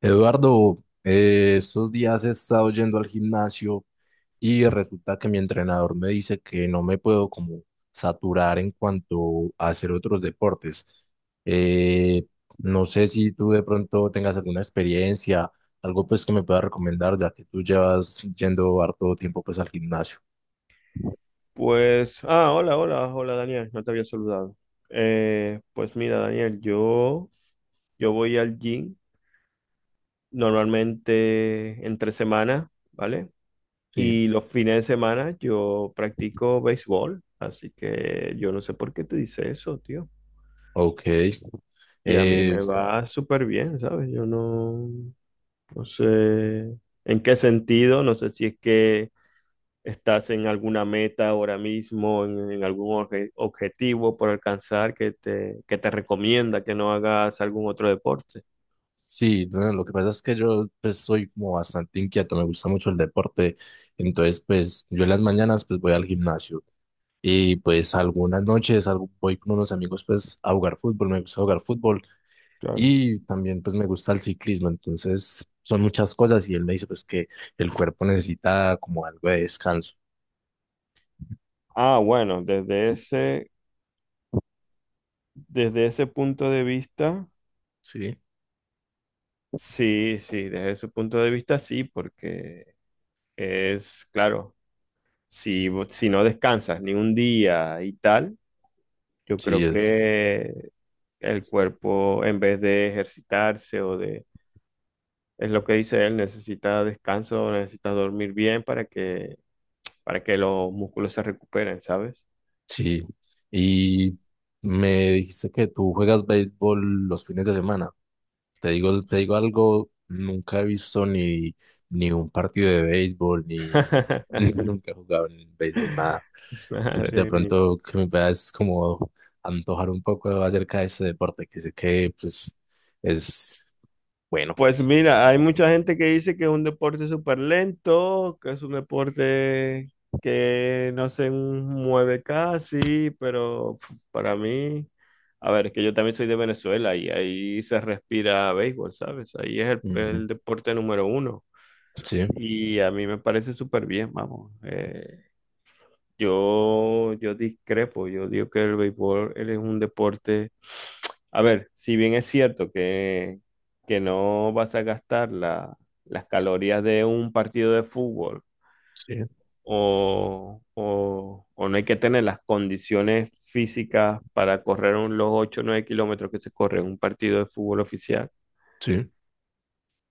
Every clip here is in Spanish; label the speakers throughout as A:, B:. A: Eduardo, estos días he estado yendo al gimnasio y resulta que mi entrenador me dice que no me puedo como saturar en cuanto a hacer otros deportes. Eh, no sé si tú de pronto tengas alguna experiencia, algo pues que me puedas recomendar, ya que tú llevas yendo harto tiempo pues al gimnasio.
B: Pues, ah, hola, hola, hola Daniel, no te había saludado. Pues mira, Daniel, yo voy al gym normalmente entre semana, ¿vale?
A: Sí,
B: Y los fines de semana yo practico béisbol, así que yo no sé por qué te dice eso, tío.
A: ok.
B: Y a mí
A: Eh,
B: me va súper bien, ¿sabes? Yo no, no sé en qué sentido, no sé si es que estás en alguna meta ahora mismo, en algún objetivo por alcanzar que te recomienda que no hagas algún otro deporte.
A: Sí, bueno, lo que pasa es que yo pues soy como bastante inquieto, me gusta mucho el deporte, entonces pues yo en las mañanas pues voy al gimnasio y pues algunas noches voy con unos amigos pues a jugar fútbol, me gusta jugar fútbol
B: Claro.
A: y también pues me gusta el ciclismo, entonces son muchas cosas y él me dice pues que el cuerpo necesita como algo de descanso,
B: Ah, bueno, desde ese punto de vista,
A: ¿sí?
B: sí, sí, desde ese punto de vista, sí, porque es, claro, si no descansas ni un día y tal, yo
A: Sí,
B: creo
A: es,
B: que el cuerpo, en vez de ejercitarse o de. Es lo que dice él, necesita descanso, necesita dormir bien para que los músculos se recuperen, ¿sabes?
A: sí, y me dijiste que tú juegas béisbol los fines de semana. Te digo algo, nunca he visto ni un partido de béisbol, ni, ni nunca he jugado en béisbol, nada. De
B: Madre mía.
A: pronto que me veas como antojar un poco acerca de este deporte, que sé que pues es bueno,
B: Pues
A: sí, es
B: mira, hay
A: importante.
B: mucha gente que dice que es un deporte súper lento, que es un deporte que no se mueve casi, pero pf, para mí, a ver, es que yo también soy de Venezuela y ahí se respira béisbol, ¿sabes? Ahí es
A: Ujú.
B: el deporte número uno.
A: Sí,
B: Y a mí me parece súper bien, vamos. Yo discrepo, yo digo que el béisbol él es un deporte. A ver, si bien es cierto que no vas a gastar las calorías de un partido de fútbol
A: sí,
B: o, o no hay que tener las condiciones físicas para correr los 8 o 9 kilómetros que se corre en un partido de fútbol oficial,
A: sí.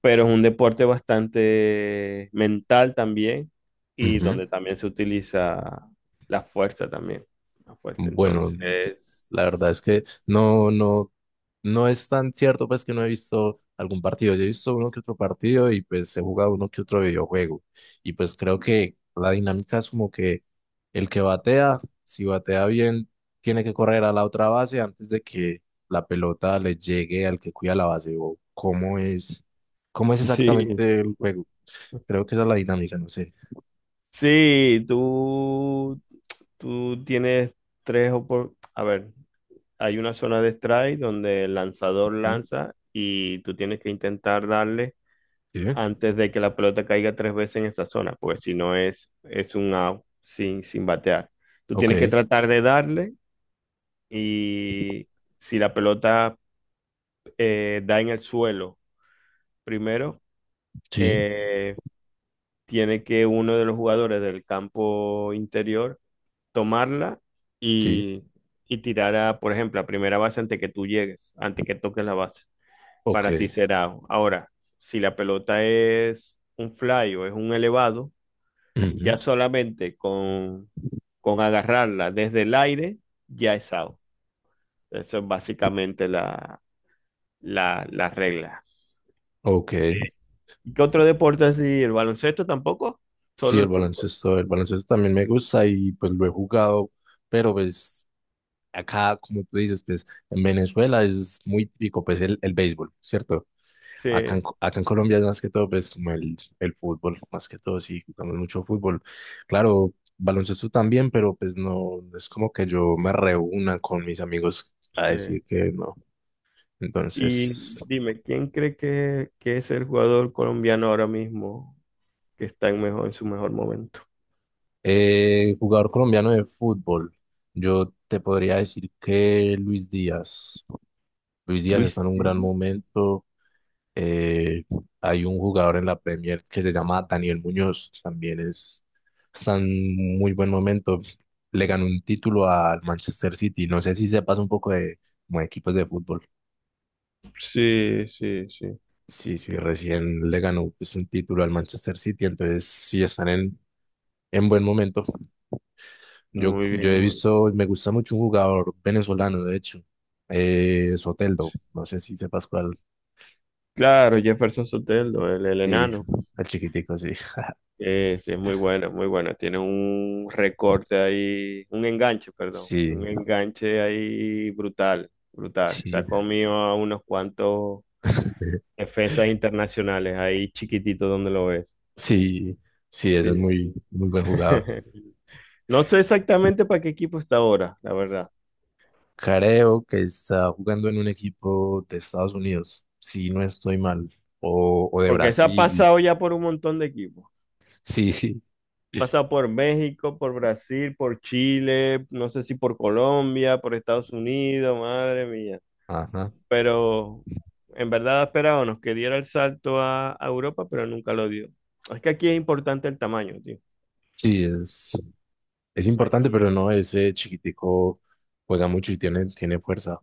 B: pero es un deporte bastante mental también y
A: Ujú.
B: donde también se utiliza la fuerza también, la fuerza.
A: Bueno,
B: Entonces,
A: la verdad es que no es tan cierto pues que no he visto algún partido. Yo he visto uno que otro partido y pues he jugado uno que otro videojuego. Y pues creo que la dinámica es como que el que batea, si batea bien, tiene que correr a la otra base antes de que la pelota le llegue al que cuida la base. O cómo es
B: sí,
A: exactamente el juego. Creo que esa es la dinámica, no sé.
B: sí, tú tienes a ver, hay una zona de strike donde el lanzador
A: ¿Mm?
B: lanza y tú tienes que intentar darle
A: ¿Sí?
B: antes de que la pelota caiga tres veces en esa zona, porque si no es un out sin batear. Tú
A: Ok,
B: tienes que tratar de darle y si la pelota da en el suelo primero,
A: sí,
B: eh, tiene que uno de los jugadores del campo interior tomarla
A: sí,
B: y, y tirar a, por ejemplo, a primera base antes que tú llegues, antes que toques la base,
A: ok.
B: para así ser out. Ahora, si la pelota es un fly o es un elevado,
A: Ujú.
B: ya solamente con agarrarla desde el aire, ya es out. Eso es básicamente la regla.
A: Ok.
B: ¿Y qué otro deporte así? ¿El baloncesto tampoco?
A: Sí,
B: Solo el fútbol.
A: el baloncesto también me gusta y pues lo he jugado, pero pues acá, como tú dices, pues en Venezuela es muy típico pues el béisbol, ¿cierto? Acá en,
B: Sí,
A: Acá en Colombia es más que todo pues como el fútbol, más que todo sí, jugamos mucho fútbol. Claro, baloncesto también, pero pues no, no es como que yo me reúna con mis amigos a decir
B: sí.
A: que no.
B: Y
A: Entonces,
B: dime, ¿quién cree que es el jugador colombiano ahora mismo que está en mejor, en su mejor momento?
A: jugador colombiano de fútbol, yo te podría decir que Luis Díaz. Luis Díaz está
B: Luis.
A: en un gran momento. Eh, Hay un jugador en la Premier que se llama Daniel Muñoz, también es, está en muy buen momento. Le ganó un título al Manchester City. No sé si sepas un poco de, como de equipos de fútbol.
B: Sí, sí, sí.
A: Sí, sí, recién le ganó pues, un título al Manchester City, entonces sí están en buen momento.
B: Muy
A: Yo
B: bien,
A: he
B: muy bien.
A: visto, me gusta mucho un jugador venezolano, de hecho, Soteldo. No sé si sepas cuál.
B: Claro, Jefferson Soteldo, el
A: Sí,
B: enano.
A: el chiquitico, sí.
B: Sí, es muy buena, muy buena. Tiene un recorte ahí, un enganche, perdón. Un
A: Sí,
B: enganche ahí brutal, brutal. Se
A: sí,
B: ha comido a unos cuantos
A: eh,
B: defensas internacionales, ahí chiquitito donde lo ves.
A: sí, sí, es
B: Sí.
A: un muy buen jugador.
B: No sé exactamente para qué equipo está ahora, la verdad.
A: Creo que está jugando en un equipo de Estados Unidos, si no estoy mal, o de
B: Porque se ha
A: Brasil.
B: pasado ya por un montón de equipos.
A: Sí, sí.
B: Pasa por México, por Brasil, por Chile, no sé si por Colombia, por Estados Unidos, madre mía.
A: Ajá.
B: Pero en verdad esperábamos que diera el salto a Europa, pero nunca lo dio. Es que aquí es importante el tamaño, tío.
A: Sí, es importante,
B: Aquí.
A: pero no, ese chiquitico juega mucho y tiene, tiene fuerza,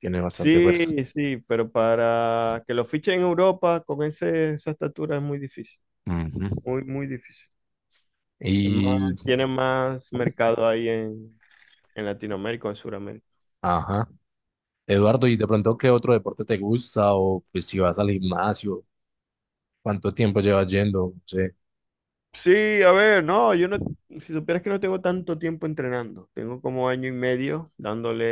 A: tiene bastante fuerza.
B: Sí, sí, pero para que lo fichen en Europa con esa estatura es muy difícil,
A: Ujú.
B: muy, muy difícil. Es
A: Y,
B: más, tiene más mercado ahí en Latinoamérica o en Sudamérica.
A: ajá. Eduardo, ¿y de pronto qué otro deporte te gusta? O pues si vas al gimnasio, ¿cuánto tiempo llevas yendo? Sí,
B: Sí, a ver, no, yo no, si supieras que no tengo tanto tiempo entrenando, tengo como año y medio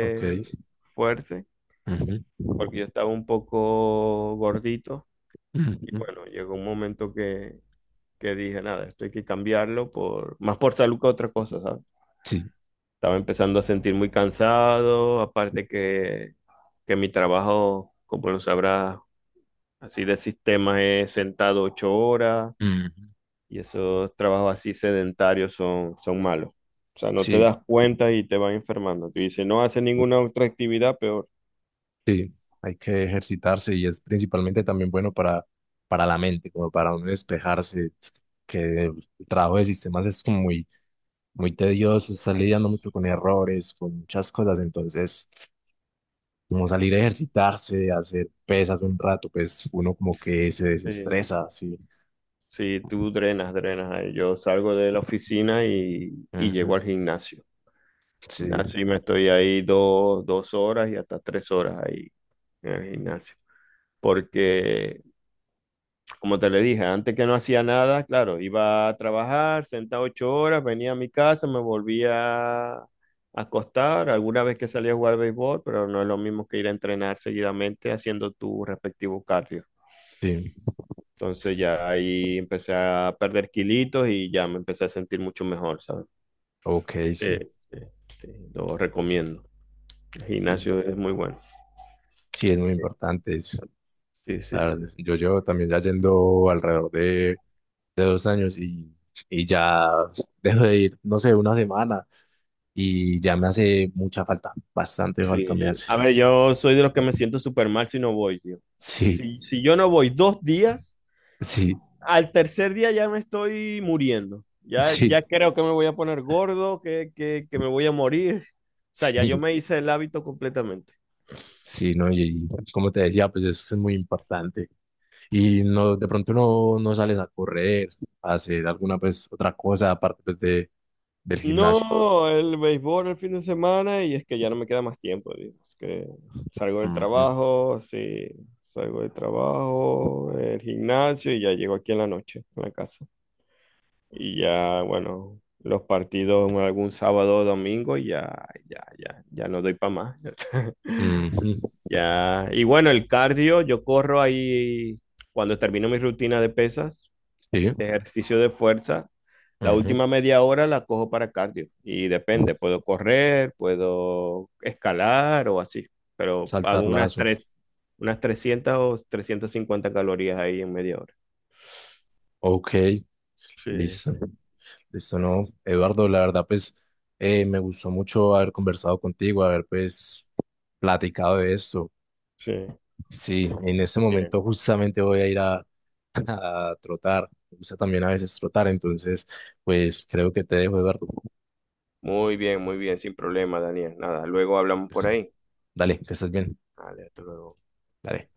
A: ok.
B: fuerza,
A: Ujú.
B: porque yo estaba un poco gordito y
A: Ujú.
B: bueno, llegó un momento que dije, nada, esto hay que cambiarlo por, más por salud que otra cosa, ¿sabes?
A: Sí.
B: Estaba empezando a sentir muy cansado, aparte que mi trabajo, como lo sabrás, así de sistema es sentado 8 horas
A: Mm,
B: y esos trabajos así sedentarios son malos. O sea, no te
A: sí,
B: das cuenta y te vas enfermando. Tú dices, no haces ninguna otra actividad, peor.
A: sí, hay que ejercitarse y es principalmente también bueno para la mente, como para uno despejarse. Es que el trabajo de sistemas es como muy, muy tedioso, está lidiando mucho con errores, con muchas cosas, entonces como salir a ejercitarse, hacer pesas un rato, pues uno como que se
B: Sí,
A: desestresa, sí.
B: sí, tú drenas, drenas. Yo salgo de la oficina y llego
A: Ujú.
B: al gimnasio.
A: Sí,
B: Gimnasio y me estoy ahí 2 horas y hasta 3 horas ahí en el gimnasio. Porque, como te le dije, antes que no hacía nada, claro, iba a trabajar, sentaba 8 horas, venía a mi casa, me volvía a acostar, alguna vez que salía a jugar béisbol, pero no es lo mismo que ir a entrenar seguidamente haciendo tu respectivo cardio.
A: sí,
B: Entonces ya ahí empecé a perder kilitos y ya me empecé a sentir mucho mejor, ¿sabes?
A: ok,
B: Sí,
A: sí,
B: sí, sí, lo recomiendo. El
A: sí,
B: gimnasio es muy bueno.
A: sí, es muy importante,
B: Sí,
A: la
B: sí,
A: verdad,
B: sí.
A: yo llevo también ya yendo alrededor de 2 años y ya dejo de ir, no sé, una semana y ya me hace mucha falta, bastante falta me
B: Sí.
A: hace.
B: A ver, yo soy de los que me siento súper mal si no voy, tío.
A: Sí,
B: Si yo no voy 2 días,
A: sí,
B: al tercer día ya me estoy muriendo. Ya, ya
A: sí,
B: creo que me voy a poner gordo, que me voy a morir. O sea, ya yo
A: sí,
B: me hice el hábito completamente.
A: sí, no, y como te decía, pues es muy importante. Y no, de pronto no, no sales a correr, a hacer alguna pues otra cosa aparte pues de, del gimnasio.
B: No, el béisbol el fin de semana y es que ya no me queda más tiempo, tío. Es que salgo del
A: Ujú,
B: trabajo, sí, salgo del trabajo, el gimnasio y ya llego aquí en la noche, en la casa. Y ya, bueno, los partidos algún sábado o domingo, ya, ya, ya, ya no doy para más.
A: ujú,
B: Ya, y bueno, el cardio, yo corro ahí cuando termino mi rutina de pesas,
A: sí,
B: de ejercicio de fuerza, la
A: ujú,
B: última media hora la cojo para cardio. Y depende, puedo correr, puedo escalar o así, pero hago
A: saltar
B: unas
A: lazo.
B: tres, unas 300 o 350 calorías ahí en media hora.
A: Ok,
B: Sí,
A: listo.
B: sí,
A: Listo, no, Eduardo, la verdad, pues me gustó mucho haber conversado contigo, haber pues platicado de esto.
B: sí.
A: Sí, en este momento
B: Sí.
A: justamente voy a ir a, a trotar. Me gusta también a veces trotar, entonces, pues creo que te dejo, Eduardo.
B: Muy bien, sin problema, Daniel. Nada, luego hablamos
A: Pues,
B: por ahí.
A: dale, que estés bien.
B: Vale, hasta luego.
A: Dale.